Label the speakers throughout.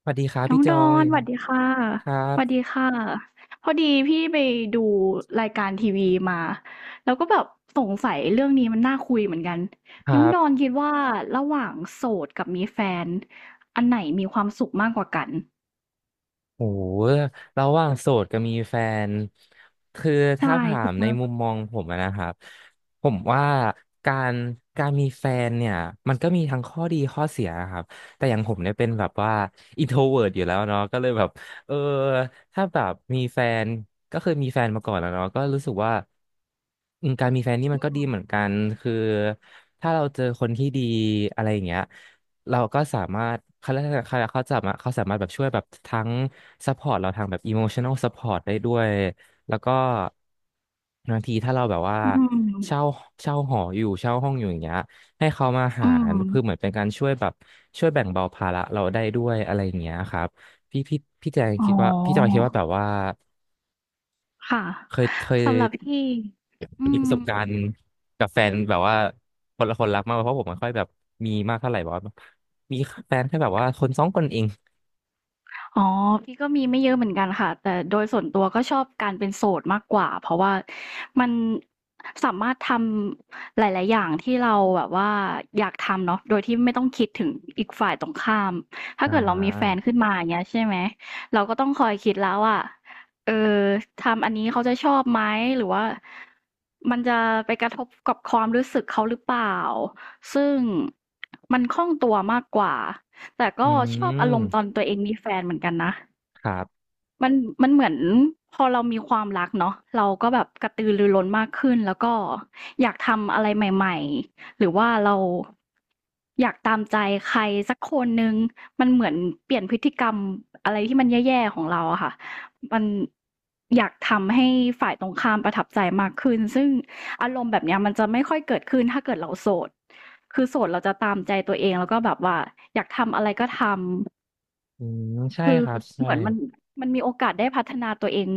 Speaker 1: สวัสดีครับ
Speaker 2: น้
Speaker 1: พี่
Speaker 2: อง
Speaker 1: จ
Speaker 2: ด
Speaker 1: อ
Speaker 2: อ
Speaker 1: ย
Speaker 2: นสวัสดีค่ะ
Speaker 1: ครั
Speaker 2: ส
Speaker 1: บ
Speaker 2: วัสดีค่ะพอดีพี่ไปดูรายการทีวีมาแล้วก็แบบสงสัยเรื่องนี้มันน่าคุยเหมือนกัน
Speaker 1: ค
Speaker 2: น้
Speaker 1: รั
Speaker 2: องดอน
Speaker 1: บ
Speaker 2: คิดว่าระหว่างโสดกับมีแฟนอันไหนมีความสุขมากกว่ากัน
Speaker 1: โหระหว่างโสดกับมีแฟนคือ
Speaker 2: ใช่
Speaker 1: ถ้าถา
Speaker 2: คิ
Speaker 1: ม
Speaker 2: ด
Speaker 1: ใน
Speaker 2: ว่า
Speaker 1: มุมมองผมอะนะครับผมว่าการการมีแฟนเนี่ยมันก็มีทั้งข้อดีข้อเสียครับแต่อย่างผมเนี่ยเป็นแบบว่าอินโทเวิร์อยู่แล้วเนาะก็เลยแบบเออถ้าแบบมีแฟนก็เคยมีแฟนมาก่อนแล้วเนาะก็รู้สึกว่าอืมการมีแฟนนี่มั
Speaker 2: อื
Speaker 1: นก็ดีเหมื
Speaker 2: ม
Speaker 1: อนกันคือถ้าเราเจอคนที่ดีอะไรอย่างเงี้ย เราก็สามารถเขาเรียกอะไรเขาเขาจะมาเขาสามารถแบบช่วยแบบทั้งซัพพอร์ตเราทางแบบ e m o t i o n a l Support ได้ด้วยแล้วก็บางทีถ้าเราแบบว่า
Speaker 2: อืม
Speaker 1: เช่าเช่าหออยู่เช่าห้องอยู่อย่างเงี้ยให้เขามา
Speaker 2: อื
Speaker 1: หาร
Speaker 2: ม
Speaker 1: เพือเหมือนเป็นการช่วยแบบช่วยแบ่งเบาภาระเราได้ด้วยอะไรอย่างเงี้ยครับพี่พี่พี่แจง
Speaker 2: อ๋
Speaker 1: คิดว่าพี่จอย
Speaker 2: อ
Speaker 1: คิดว่าแบบว่า
Speaker 2: ค่ะ
Speaker 1: เคย
Speaker 2: สำหรับพี่อื
Speaker 1: มีประ
Speaker 2: ม
Speaker 1: สบการณ์กับแฟนแบบว่าคนละคนรักมากกว่าเพราะผมไม่ค่อยแบบมีมากเท่าไหร่บอกว่ามีแฟนแค่แบบว่าคนสองคนเอง
Speaker 2: อ๋อพี่ก็มีไม่เยอะเหมือนกันค่ะแต่โดยส่วนตัวก็ชอบการเป็นโสดมากกว่าเพราะว่ามันสามารถทำหลายๆอย่างที่เราแบบว่าอยากทำเนาะโดยที่ไม่ต้องคิดถึงอีกฝ่ายตรงข้ามถ้า
Speaker 1: อ่
Speaker 2: เกิดเรามีแฟน
Speaker 1: า
Speaker 2: ขึ้นมาอย่างเงี้ยใช่ไหมเราก็ต้องคอยคิดแล้วว่าเออทำอันนี้เขาจะชอบไหมหรือว่ามันจะไปกระทบกับความรู้สึกเขาหรือเปล่าซึ่งมันคล่องตัวมากกว่า แต่
Speaker 1: อื
Speaker 2: ก็ชอบอารมณ์ตอน
Speaker 1: ม
Speaker 2: ตัวเองมีแฟนเหมือนกันนะ
Speaker 1: ครับ
Speaker 2: มันมันเหมือนพอเรามีความรักเนาะเราก็แบบกระตือรือร้นมากขึ้นแล้วก็อยากทำอะไรใหม่ๆหรือว่าเราอยากตามใจใครสักคนหนึ่งมันเหมือนเปลี่ยนพฤติกรรมอะไรที่มันแย่ๆของเราอะค่ะมันอยากทำให้ฝ่ายตรงข้ามประทับใจมากขึ้นซึ่งอารมณ์แบบเนี้ยมันจะไม่ค่อยเกิดขึ้นถ้าเกิดเราโสดคือโสดเราจะตามใจตัวเองแล้วก็แบบว่าอยากทำอะไรก็ทำ
Speaker 1: อืมใช่
Speaker 2: คือ
Speaker 1: ครับใช่
Speaker 2: เหมือนมันมีโอกาสได้พัฒนาตัวเอง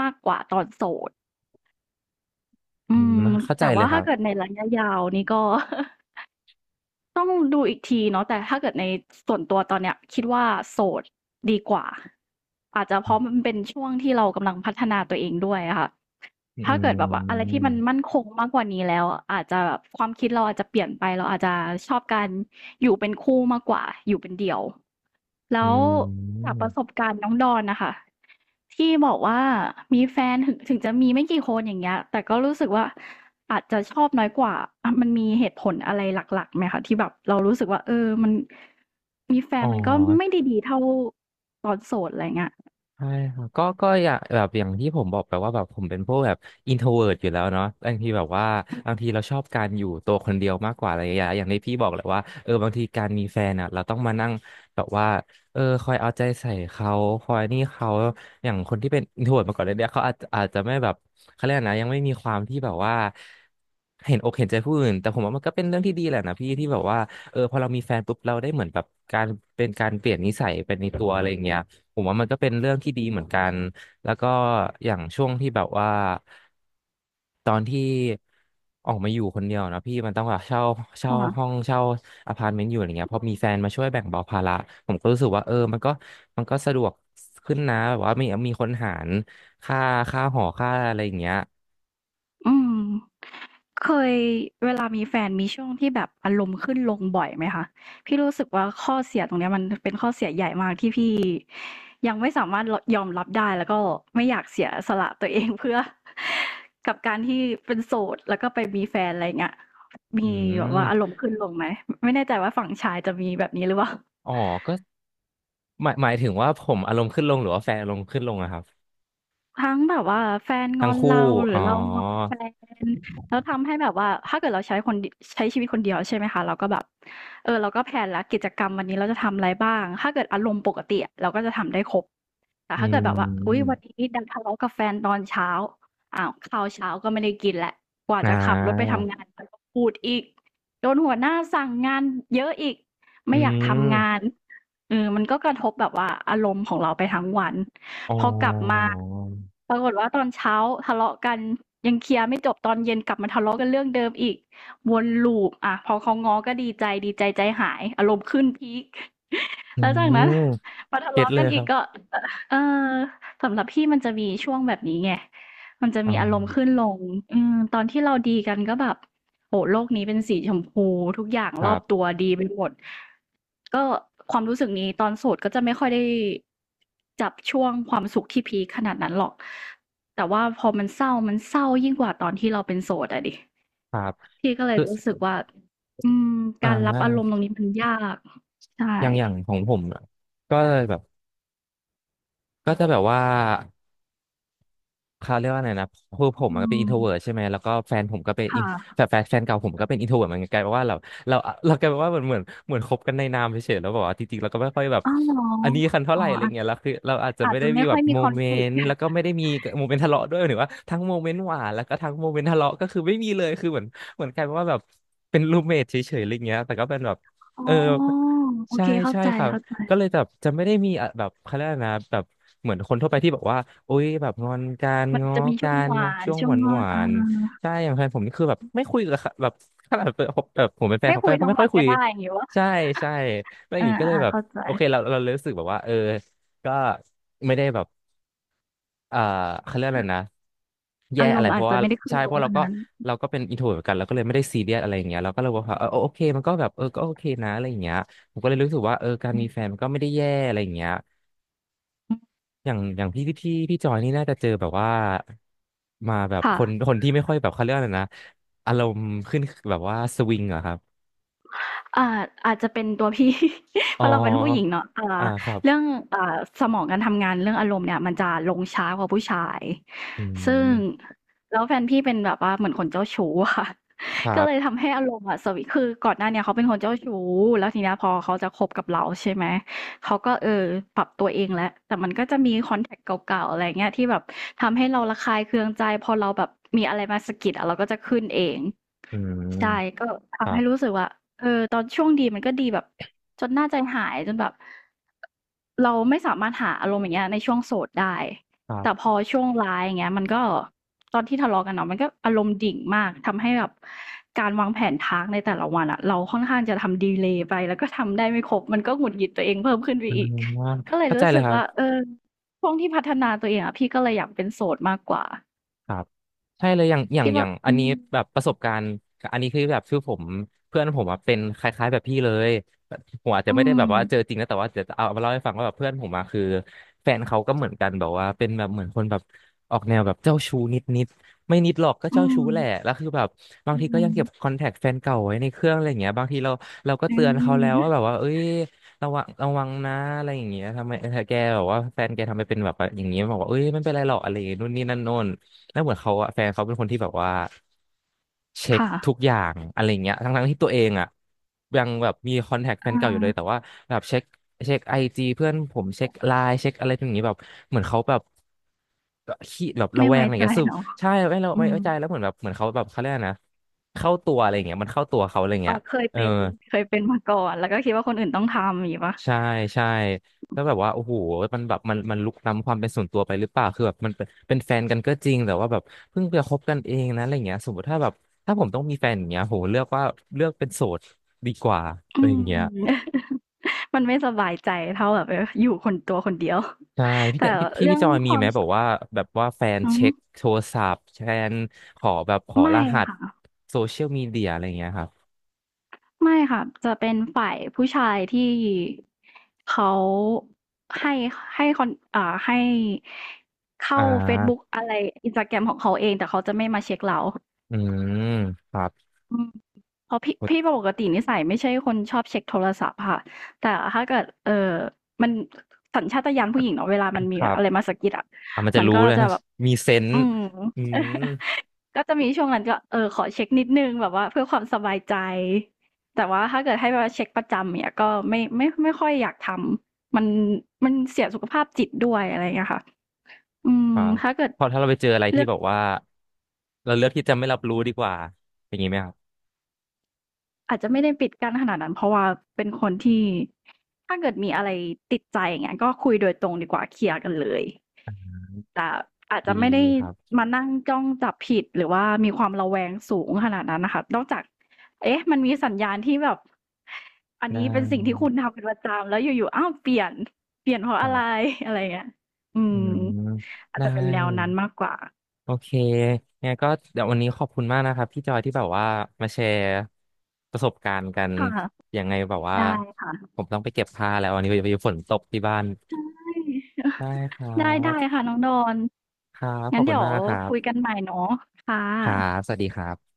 Speaker 2: มากกว่าตอนโสดอื
Speaker 1: อื
Speaker 2: ม
Speaker 1: มเข้าใจ
Speaker 2: แต่
Speaker 1: เล
Speaker 2: ว่า
Speaker 1: ยครั
Speaker 2: ถ้า
Speaker 1: บ
Speaker 2: เกิดในระยะยาวนี่ก็ ต้องดูอีกทีเนาะแต่ถ้าเกิดในส่วนตัวตอนเนี้ยคิดว่าโสดดีกว่าอาจจะเพราะมันเป็นช่วงที่เรากำลังพัฒนาตัวเองด้วยอะค่ะ
Speaker 1: อื
Speaker 2: ถ้าเกิดแบบว่าอะไรที่มัน
Speaker 1: ม
Speaker 2: มั่นคงมากกว่านี้แล้วอาจจะแบบความคิดเราอาจจะเปลี่ยนไปเราอาจจะชอบการอยู่เป็นคู่มากกว่าอยู่เป็นเดี่ยว แล้
Speaker 1: อื
Speaker 2: วจาก
Speaker 1: ม
Speaker 2: ประสบการณ์น้องดอนน่ะค่ะที่บอกว่ามีแฟนถึงจะมีไม่กี่คนอย่างเงี้ยแต่ก็รู้สึกว่าอาจจะชอบน้อยกว่าอามันมีเหตุผลอะไรหลักๆไหมคะที่แบบเรารู้สึกว่าเออมันมีแฟ
Speaker 1: อ๋
Speaker 2: น
Speaker 1: อ
Speaker 2: มันก็ไม่ได้ดีเท่าตอนโสดอะไรเงี้ย
Speaker 1: ใช่ครับก็อย่างแบบอย่างที่ผมบอกไปว่าแบบผมเป็นพวกแบบอินโทรเวิร์ตอยู่แล้วเนาะบางทีแบบว่าบางทีเราชอบการอยู่ตัวคนเดียวมากกว่าอะไรอย่างเงี้ยอย่างที่พี่บอกแหละว่าเออบางทีการมีแฟนอ่ะเราต้องมานั่งแบบว่าคอยเอาใจใส่เขาคอยนี่เขาอย่างคนที่เป็นอินโทรเวิร์ตมาก่อนเลยเนี่ยเขาอาจจะไม่แบบเขาเรียกอะไรนะยังไม่มีความที่แบบว่าเห็นอกเห็นใจผู้อื่นแต่ผมว่ามันก็เป็นเรื่องที่ดีแหละนะพี่ที่แบบว่าเออพอเรามีแฟนปุ๊บเราได้เหมือนแบบการเป็นการเปลี่ยนนิสัยเป็นในตัวอะไรอย่างเงี้ย ผมว่ามันก็เป็นเรื่องที่ดีเหมือนกัน แล้วก็อย่างช่วงที่แบบว่าตอนที่ออกมาอยู่คนเดียวนะพี่มันต้องแบบเช่าห้อง
Speaker 2: ค่ะ
Speaker 1: เช่าอพาร์ตเมนต์อยู่อะไรเงี้ยพอมีแฟนมาช่วยแบ่งเบาภาระผมก็รู้สึกว่าเออมันก็สะดวกขึ้นนะแบบว่ามีคนหารค่าค่าหอค่าอะไรอย่างเงี้ย
Speaker 2: อืมเคยเวลามีแฟนมีช่วงที่แบบอารมณ์ขึ้นลงบ่อยไหมคะพี่รู้สึกว่าข้อเสียตรงเนี้ยมันเป็นข้อเสียใหญ่มากที่พี่ยังไม่สามารถรยอมรับได้แล้วก็ไม่อยากเสียสละตัวเองเพื่อ กับการที่เป็นโสดแล้วก็ไปมีแฟนอะไรอย่างเงี้ยมี
Speaker 1: อื
Speaker 2: แบบว่าอารม
Speaker 1: ม
Speaker 2: ณ์ขึ้นลงไหมไม่แน่ใจว่าฝั่งชายจะมีแบบนี้หรือเปล่า
Speaker 1: อ๋อก็หมายถึงว่าผมอารมณ์ขึ้นลงหรือว่าแฟนอารมณ์ขึ้นลงอะครับ
Speaker 2: ทั้งแบบว่าแฟนง
Speaker 1: ทั้
Speaker 2: อ
Speaker 1: ง
Speaker 2: นเรา
Speaker 1: คู่
Speaker 2: หรือ
Speaker 1: อ๋อ
Speaker 2: เรางอนแฟนแล้วทำให้แบบว่าถ้าเกิดเราใช้ชีวิตคนเดียวใช่ไหมคะเราก็แบบเออเราก็แพลนแล้วกิจกรรมวันนี้เราจะทำอะไรบ้างถ้าเกิดอารมณ์ปกติอะเราก็จะทำได้ครบแต่
Speaker 1: อื
Speaker 2: ถ้าเกิดแบบว่าอุ๊ยวัน
Speaker 1: ม
Speaker 2: นี้ดันทะเลาะกับแฟนตอนเช้าอ้าวข้าวเช้าก็ไม่ได้กินแล้วกว่า
Speaker 1: อ่า
Speaker 2: จะขับรถไปทำงานก็ต้องพูดอีกโดนหัวหน้าสั่งงานเยอะอีก
Speaker 1: อื
Speaker 2: ไม่อยากทำงาน
Speaker 1: ม
Speaker 2: เออมันก็กระทบแบบว่าอารมณ์ของเราไปทั้งวัน
Speaker 1: อ๋อ
Speaker 2: พอกลับมาปรากฏว่าตอนเช้าทะเลาะกันยังเคลียร์ไม่จบตอนเย็นกลับมาทะเลาะกันเรื่องเดิมอีกวนลูปอะพอเขาง้อก็ดีใจดีใจใจหายอารมณ์ขึ้นพีค
Speaker 1: อื
Speaker 2: แล้วจากนั้น
Speaker 1: ม
Speaker 2: มาทะ
Speaker 1: เก็ต
Speaker 2: เลาะ
Speaker 1: เล
Speaker 2: กั
Speaker 1: ย
Speaker 2: น
Speaker 1: ค
Speaker 2: อีก
Speaker 1: รับ
Speaker 2: ก็เออสำหรับพี่มันจะมีช่วงแบบนี้ไงมันจะ
Speaker 1: อ๋
Speaker 2: มีอารมณ์
Speaker 1: อ
Speaker 2: ขึ้นลงอืมตอนที่เราดีกันก็แบบ โอ้โฮโลกนี้เป็นสีชมพูทุกอย่าง
Speaker 1: ค
Speaker 2: รอ
Speaker 1: รั
Speaker 2: บตั
Speaker 1: บ
Speaker 2: วดีไปหมดก็ความรู้สึกนี้ตอนโสดก็จะไม่ค่อยได้จับช่วงความสุขที่พีกขนาดนั้นหรอกแต่ว่าพอมันเศร้ามันเศร้ายิ่งกว่าตอนที่เราเป็นโสดอะดิ
Speaker 1: ครับ
Speaker 2: พี่ก็เลย
Speaker 1: คือ
Speaker 2: รู้สึกว่าอืม
Speaker 1: อ่
Speaker 2: การรับอารมณ์
Speaker 1: า
Speaker 2: ตรงนี้มันยากใช่
Speaker 1: อย่างอย่างของผมอะก็เลยแบบก็จะแบบว่า เขาเรียกว่าไงนะคือผม
Speaker 2: อื
Speaker 1: มันก็เป็น
Speaker 2: ม
Speaker 1: อินโทรเวิร์ใช่ไหมแล้วก็แฟนผมก็เป็น
Speaker 2: ค
Speaker 1: in- แฟ
Speaker 2: ่ะ
Speaker 1: นแฟนแฟนเก่าผมก็เป็นอินโทรเวิร์เหมือนกันกลายเป็นว่าเราเรากลายเป็นว่าเหมือนคบกันในนามเฉยๆแล้วบอกว่าจริงๆเราก็ไม่ค่อยแบบ
Speaker 2: อ้าวเหรอ
Speaker 1: อันนี้กันเท่า
Speaker 2: อ๋
Speaker 1: ไห
Speaker 2: อ
Speaker 1: ร่อะไรเงี้ยแล้วคือเราอาจจะ
Speaker 2: อา
Speaker 1: ไม่
Speaker 2: จ
Speaker 1: ได้
Speaker 2: จะ
Speaker 1: มี
Speaker 2: ไม่
Speaker 1: แบ
Speaker 2: ค่อ
Speaker 1: บ
Speaker 2: ยมี
Speaker 1: โมเมน
Speaker 2: conflict
Speaker 1: ต์แล้วก็ไม่ได้มีโมเมนต์ทะเลาะด้วยหรือว่าทั้งโมเมนต์หวานแล้วก็ทั้งโมเมนต์ทะเลาะก็คือไม่มีเลยคือเหมือนกลายเป็นว่าแบบเป็นรูมเมทเฉยๆอะไรเงี้ยแต่ก็เป็นแบบ
Speaker 2: อ๋อ
Speaker 1: เออ
Speaker 2: โอ
Speaker 1: ใช่
Speaker 2: เคเข้า
Speaker 1: ใช่
Speaker 2: ใจ
Speaker 1: ค่ะ ก็เลยแบบจะไม่ได้มีอะแบบเขาเรียกอะไรนะแบบเหมือนคนทั่วไปที่บอกว่าโอ๊ยแบบงอนการ
Speaker 2: ๆมัน
Speaker 1: ง้อ
Speaker 2: จะมีช่
Speaker 1: กา
Speaker 2: วง
Speaker 1: ร
Speaker 2: หวาน
Speaker 1: ช่วง
Speaker 2: ช่ว
Speaker 1: ห
Speaker 2: ง
Speaker 1: วาน
Speaker 2: งอ
Speaker 1: ห
Speaker 2: น
Speaker 1: วา
Speaker 2: อา
Speaker 1: นใช่อย่างแฟนผมนี่คือแบบไม่คุยกับเขาแบบขนาดแบบผมเป็นแฟน
Speaker 2: ไม่
Speaker 1: เขา
Speaker 2: คุ
Speaker 1: ก็
Speaker 2: ย
Speaker 1: เขา
Speaker 2: ทั้ง
Speaker 1: ไม่ค่
Speaker 2: วั
Speaker 1: อ
Speaker 2: น
Speaker 1: ยคุ
Speaker 2: ก็
Speaker 1: ย
Speaker 2: ได้อย่างงี้วะ
Speaker 1: ใช่ใช่แล้วอย่าง
Speaker 2: ่า
Speaker 1: นี้ก็เลย
Speaker 2: อา
Speaker 1: แบ
Speaker 2: ๆ
Speaker 1: บ
Speaker 2: เข้าใจ
Speaker 1: โอเคเรารู้สึกแบบว่าเออก็ไม่ได้แบบ เอ่อเขาเรียกอะไรนะแย่
Speaker 2: อาร
Speaker 1: อะไร
Speaker 2: มณ์
Speaker 1: เพ
Speaker 2: อาจ
Speaker 1: ราะ
Speaker 2: จะ
Speaker 1: ว่า
Speaker 2: ไม่ได้ขึ้
Speaker 1: ใช่
Speaker 2: นล
Speaker 1: เพ
Speaker 2: ง
Speaker 1: ราะเรา
Speaker 2: เท่า
Speaker 1: ก็
Speaker 2: นั้น
Speaker 1: เราก็เป็นอินโทรเหมือนกันเราก็เลยไม่ได้ซีเรียสอะไรอย่างเงี้ยเราก็เลยบอกว่าเออโอเคมันก็แบบเออก็โอเคนะอะไรอย่างเงี้ยผมก็เลยรู้สึกว่าเออการ
Speaker 2: อื
Speaker 1: มีแฟน
Speaker 2: ม
Speaker 1: มันก็ไม่ได้แย่อะไรอย่างเงี้ยอย่างอย่างพี่ที่พี่จอยนี่น่าจะเจอแบบว่ามาแบบ
Speaker 2: ค่ะ
Speaker 1: คนที่ไม่ค่อยแบบเขาเรียกอะไรนะอารมณ์ขึ้นแบบว่าสวิงเหรอะครับ
Speaker 2: อ่าอาจจะเป็นตัวพี่ เพ
Speaker 1: อ๋อ
Speaker 2: ราะเราเป็นผู้หญิงเนาะอ่า
Speaker 1: อ่าครับ
Speaker 2: เรื่องอ่าสมองการทำงานเรื่องอารมณ์เนี่ยมันจะลงช้ากว่าผู้ชาย
Speaker 1: อื
Speaker 2: ซึ่ง
Speaker 1: ม
Speaker 2: แล้วแฟนพี่เป็นแบบว่าเหมือนคนเจ้าชู้อะค่ะ
Speaker 1: ครั
Speaker 2: ก็เลย
Speaker 1: บ
Speaker 2: ทำให้อารมณ์อะสวิตช์คือก่อนหน้าเนี่ยเขาเป็นคนเจ้าชู้แล้วทีเนี้ยพอเขาจะคบกับเราใช่ไหมเขาก็ปรับตัวเองแล้วแต่มันก็จะมีคอนแทคเก่าๆอะไรเงี้ยที่แบบทำให้เราระคายเคืองใจพอเราแบบมีอะไรมาสะกิดอะเราก็จะขึ้นเอง
Speaker 1: อื
Speaker 2: ใช่
Speaker 1: ม
Speaker 2: ก็
Speaker 1: ค
Speaker 2: ทำ
Speaker 1: รั
Speaker 2: ให้รู้
Speaker 1: บ
Speaker 2: สึกว่าเออตอนช่วงดีมันก็ดีแบบจนน่าใจหายจนแบบเราไม่สามารถหาอารมณ์อย่างเงี้ยในช่วงโสดได้
Speaker 1: ครั
Speaker 2: แต่
Speaker 1: บ
Speaker 2: พอช่วงร้ายอย่างเงี้ยมันก็ตอนที่ทะเลาะกันเนาะมันก็อารมณ์ดิ่งมากทำให้แบบการวางแผน task ในแต่ละวันอะเราค่อนข้างจะทำดีเลย์ไปแล้วก็ทำได้ไม่ครบมันก็หงุดหงิดตัวเองเพิ่มขึ้นไป
Speaker 1: อื
Speaker 2: อีก
Speaker 1: ม
Speaker 2: ก็เลย
Speaker 1: เข้าใจ
Speaker 2: รู้
Speaker 1: เล
Speaker 2: สึ
Speaker 1: ย
Speaker 2: ก
Speaker 1: ครับ
Speaker 2: ว่าเออช่วงที่พัฒนาตัวเองอะพี่ก็เลยอยากเป็นโสดมากกว่า
Speaker 1: ครับใช่เลยอย่างอย่าง
Speaker 2: คิด
Speaker 1: อ
Speaker 2: ว่า
Speaker 1: ย่างอั
Speaker 2: อื
Speaker 1: นนี้
Speaker 2: ม
Speaker 1: แบบประสบการณ์อันนี้คือแบบคือผมเพื่อนผมอะเป็นคล้ายๆแบบพี่เลยผมอาจจะ
Speaker 2: อื
Speaker 1: ไม่ได้แบบว่าเจอ
Speaker 2: ม
Speaker 1: จริงนะแต่ว่าเดี๋ยวจะเอามาเล่าให้ฟังว่าแบบเพื่อนผมอะคือแฟนเขาก็เหมือนกันแบบว่าเป็นแบบเหมือนคนแบบออกแนวแบบเจ้าชู้นิดๆไม่นิดหรอกก็
Speaker 2: อื
Speaker 1: เจ้าชู้
Speaker 2: ม
Speaker 1: แหละแล้วคือแบบบาง
Speaker 2: อื
Speaker 1: ทีก็ยังเก็บค
Speaker 2: ม
Speaker 1: อนแทคแฟนเก่าไว้ในเครื่องอะไรอย่างเงี้ยบางทีเราก็
Speaker 2: อื
Speaker 1: เตือนเขาแล้วว่าแบบ
Speaker 2: ม
Speaker 1: ว่าเอ้ยระวังระวังนะอะไรอย่างเงี้ยทำไมเออแกแบบว่าแฟนแกทำไมเป็นแบบว่าอย่างเงี้ยบอกว่าเอ้ยไม่เป็นไรหรอกอะไรอย่างงี้นู่นนี่นั่นโน่น แล้วเหมือนเขาอะแฟนเขาเป็นคนที่แบบว่าเช็ค
Speaker 2: ค่ะ
Speaker 1: ทุกอย่างอะไรเงี้ยทั้งๆที่ตัวเองอ่ะยังแบบมีคอนแทคแฟ
Speaker 2: อ
Speaker 1: นเก่าอยู่เลยแต่
Speaker 2: า
Speaker 1: ว่าแบบเช็คไอจีเพื่อนผมเช็คไลน์เช็คอะไรอย่างนี้แบบเหมือนเขาแบบขี้แบบระ
Speaker 2: ไม่
Speaker 1: แวง
Speaker 2: ไว้
Speaker 1: อะไร
Speaker 2: ใจ
Speaker 1: เงี้ยซึ่ง
Speaker 2: เนาะ
Speaker 1: ใช่ไม่เรา
Speaker 2: อื
Speaker 1: ไม่
Speaker 2: ม
Speaker 1: ไว้ใจแล้วเหมือนแบบเหมือนเขาแบบเขาเรียกอะไรนะเข้าตัวอะไรเงี้ยมันเข้าตัวเขาอะไร
Speaker 2: อ๋อ
Speaker 1: เงี้ย
Speaker 2: เคย
Speaker 1: เออ
Speaker 2: เป็นเคยเป็นมาก่อน แล้วก็คิดว่าคนอื่นต้องทำอย่างงี้เปล่า
Speaker 1: ใช่ใช่แล้วแบบว่าโอ้โหมันแบบมันลุกล้ำความเป็นส่วนตัวไปหรือเปล่าคือแบบมันเป็นแฟนกันก็จริงแต่ว่าแบบเพิ่งไปคบกันเองนะอะไรเงี้ยสมมติถ้าแบบถ้าผมต้องมีแฟนอย่างเงี้ยผมเลือกว่าเลือกเป็นโสดดีกว่า
Speaker 2: อื
Speaker 1: อะไรอ
Speaker 2: ม
Speaker 1: ย่างเงี้ย
Speaker 2: มันไม่สบายใจเท่าแบบเอออยู่คนตัวคนเดียว
Speaker 1: ใช่ พี่
Speaker 2: แต่
Speaker 1: แต่พี่พี่
Speaker 2: เรื่
Speaker 1: พี่
Speaker 2: อง
Speaker 1: จอย
Speaker 2: ค
Speaker 1: มี
Speaker 2: วา
Speaker 1: ไห
Speaker 2: ม
Speaker 1: ม
Speaker 2: ช
Speaker 1: แบบว่าแบบว่าแฟน
Speaker 2: อือ
Speaker 1: เช็
Speaker 2: ฮึ
Speaker 1: คโทรศัพท์แฟนขอแบบขอร
Speaker 2: ไม่
Speaker 1: หัส
Speaker 2: ค่ะ
Speaker 1: โซเชียลมีเดียอะไรเงี้ยครับ
Speaker 2: ไม่ค่ะ จะเป็นฝ่ายผู้ชายที่เขาให้ให้คอนให้
Speaker 1: อ่
Speaker 2: เข้าเฟซบุ๊ก
Speaker 1: า
Speaker 2: อะไร Instagram ของเขาเอง แต่เขาจะไม่มาเช็กเรา
Speaker 1: อืมครับ
Speaker 2: อืม เพราะพี่ปกตินิสัยไม่ใช่คนชอบเช็คโทรศัพท์ค่ะแต่ถ้าเกิดมันสัญชาตญาณผู้หญิงเนาะเวลามัน
Speaker 1: ค
Speaker 2: มี
Speaker 1: รับ
Speaker 2: อะไรมาสะกิดอะ
Speaker 1: อ่ะมันจะ
Speaker 2: มัน
Speaker 1: รู้
Speaker 2: ก็
Speaker 1: นะ
Speaker 2: จะแบบ
Speaker 1: มีเซน
Speaker 2: อื
Speaker 1: ส์
Speaker 2: ม
Speaker 1: อืม
Speaker 2: ก็จะมีช่วงนั้นก็เออขอเช็คนิดนึงแบบว่าเพื่อความสบายใจแต่ว่าถ้าเกิดให้มาเช็คประจำเนี้ยก็ไม่ไม่ค่อยอยากทำมันมันเสียสุขภาพจิตด้วยอะไรอย่างเงี้ยค่ะอื
Speaker 1: ค
Speaker 2: ม
Speaker 1: รับ
Speaker 2: ถ้าเกิด
Speaker 1: พอถ้าเราไปเจออะไร
Speaker 2: เลื
Speaker 1: ที่
Speaker 2: อก
Speaker 1: แบบว่าเราเลือกที่จะไม่รับรู้ดีกว่าอย่างนี้ไหมครับ
Speaker 2: อาจจะไม่ได้ปิดกั้นขนาดนั้นเพราะว่าเป็นคนที่ถ้าเกิดมีอะไรติดใจอย่างเงี้ยก็คุยโดยตรงดีกว่าเคลียร์กันเลยแต่อาจจะ
Speaker 1: ดี
Speaker 2: ไม่ได้
Speaker 1: ครับ
Speaker 2: มานั่งจ้องจับผิดหรือว่ามีความระแวงสูงขนาดนั้นน่ะค่ะนอกจากเอ๊ะมันมีสัญญาณที่แบบอัน
Speaker 1: ได้
Speaker 2: นี้เป็นสิ่งที่คุณทำเป็นประจำแล้วอยู่ๆอ้าวเปลี่ยนเปลี่ยนเพราะ
Speaker 1: ครั
Speaker 2: อะไร
Speaker 1: บ
Speaker 2: อะไรอย่างเงี้ยอื
Speaker 1: อื
Speaker 2: ม
Speaker 1: ม
Speaker 2: อาจ
Speaker 1: ได้
Speaker 2: จะเป็นแนวนั้นมากกว่า
Speaker 1: โอเคงั้นก็เดี๋ยววันนี้ขอบคุณมากนะครับพี่จอยที่แบบว่ามาแชร์ประสบการณ์กัน
Speaker 2: ค่ะ
Speaker 1: ยังไงแบบว่า
Speaker 2: ได้ค่ะ
Speaker 1: ผมต้องไปเก็บผ้าแล้ววันนี้ไปฝนตกที่บ้าน
Speaker 2: ใช่
Speaker 1: ได้ค รั
Speaker 2: ได้ได้
Speaker 1: บ
Speaker 2: ค่ะน้องดอน
Speaker 1: ครับข
Speaker 2: งั้
Speaker 1: อ
Speaker 2: น
Speaker 1: บคุ
Speaker 2: เดี๋
Speaker 1: ณ
Speaker 2: ยว
Speaker 1: มากครั
Speaker 2: คุยกั
Speaker 1: บ
Speaker 2: นใหม่เนาะค่ะ
Speaker 1: ครับสวัสดีครับ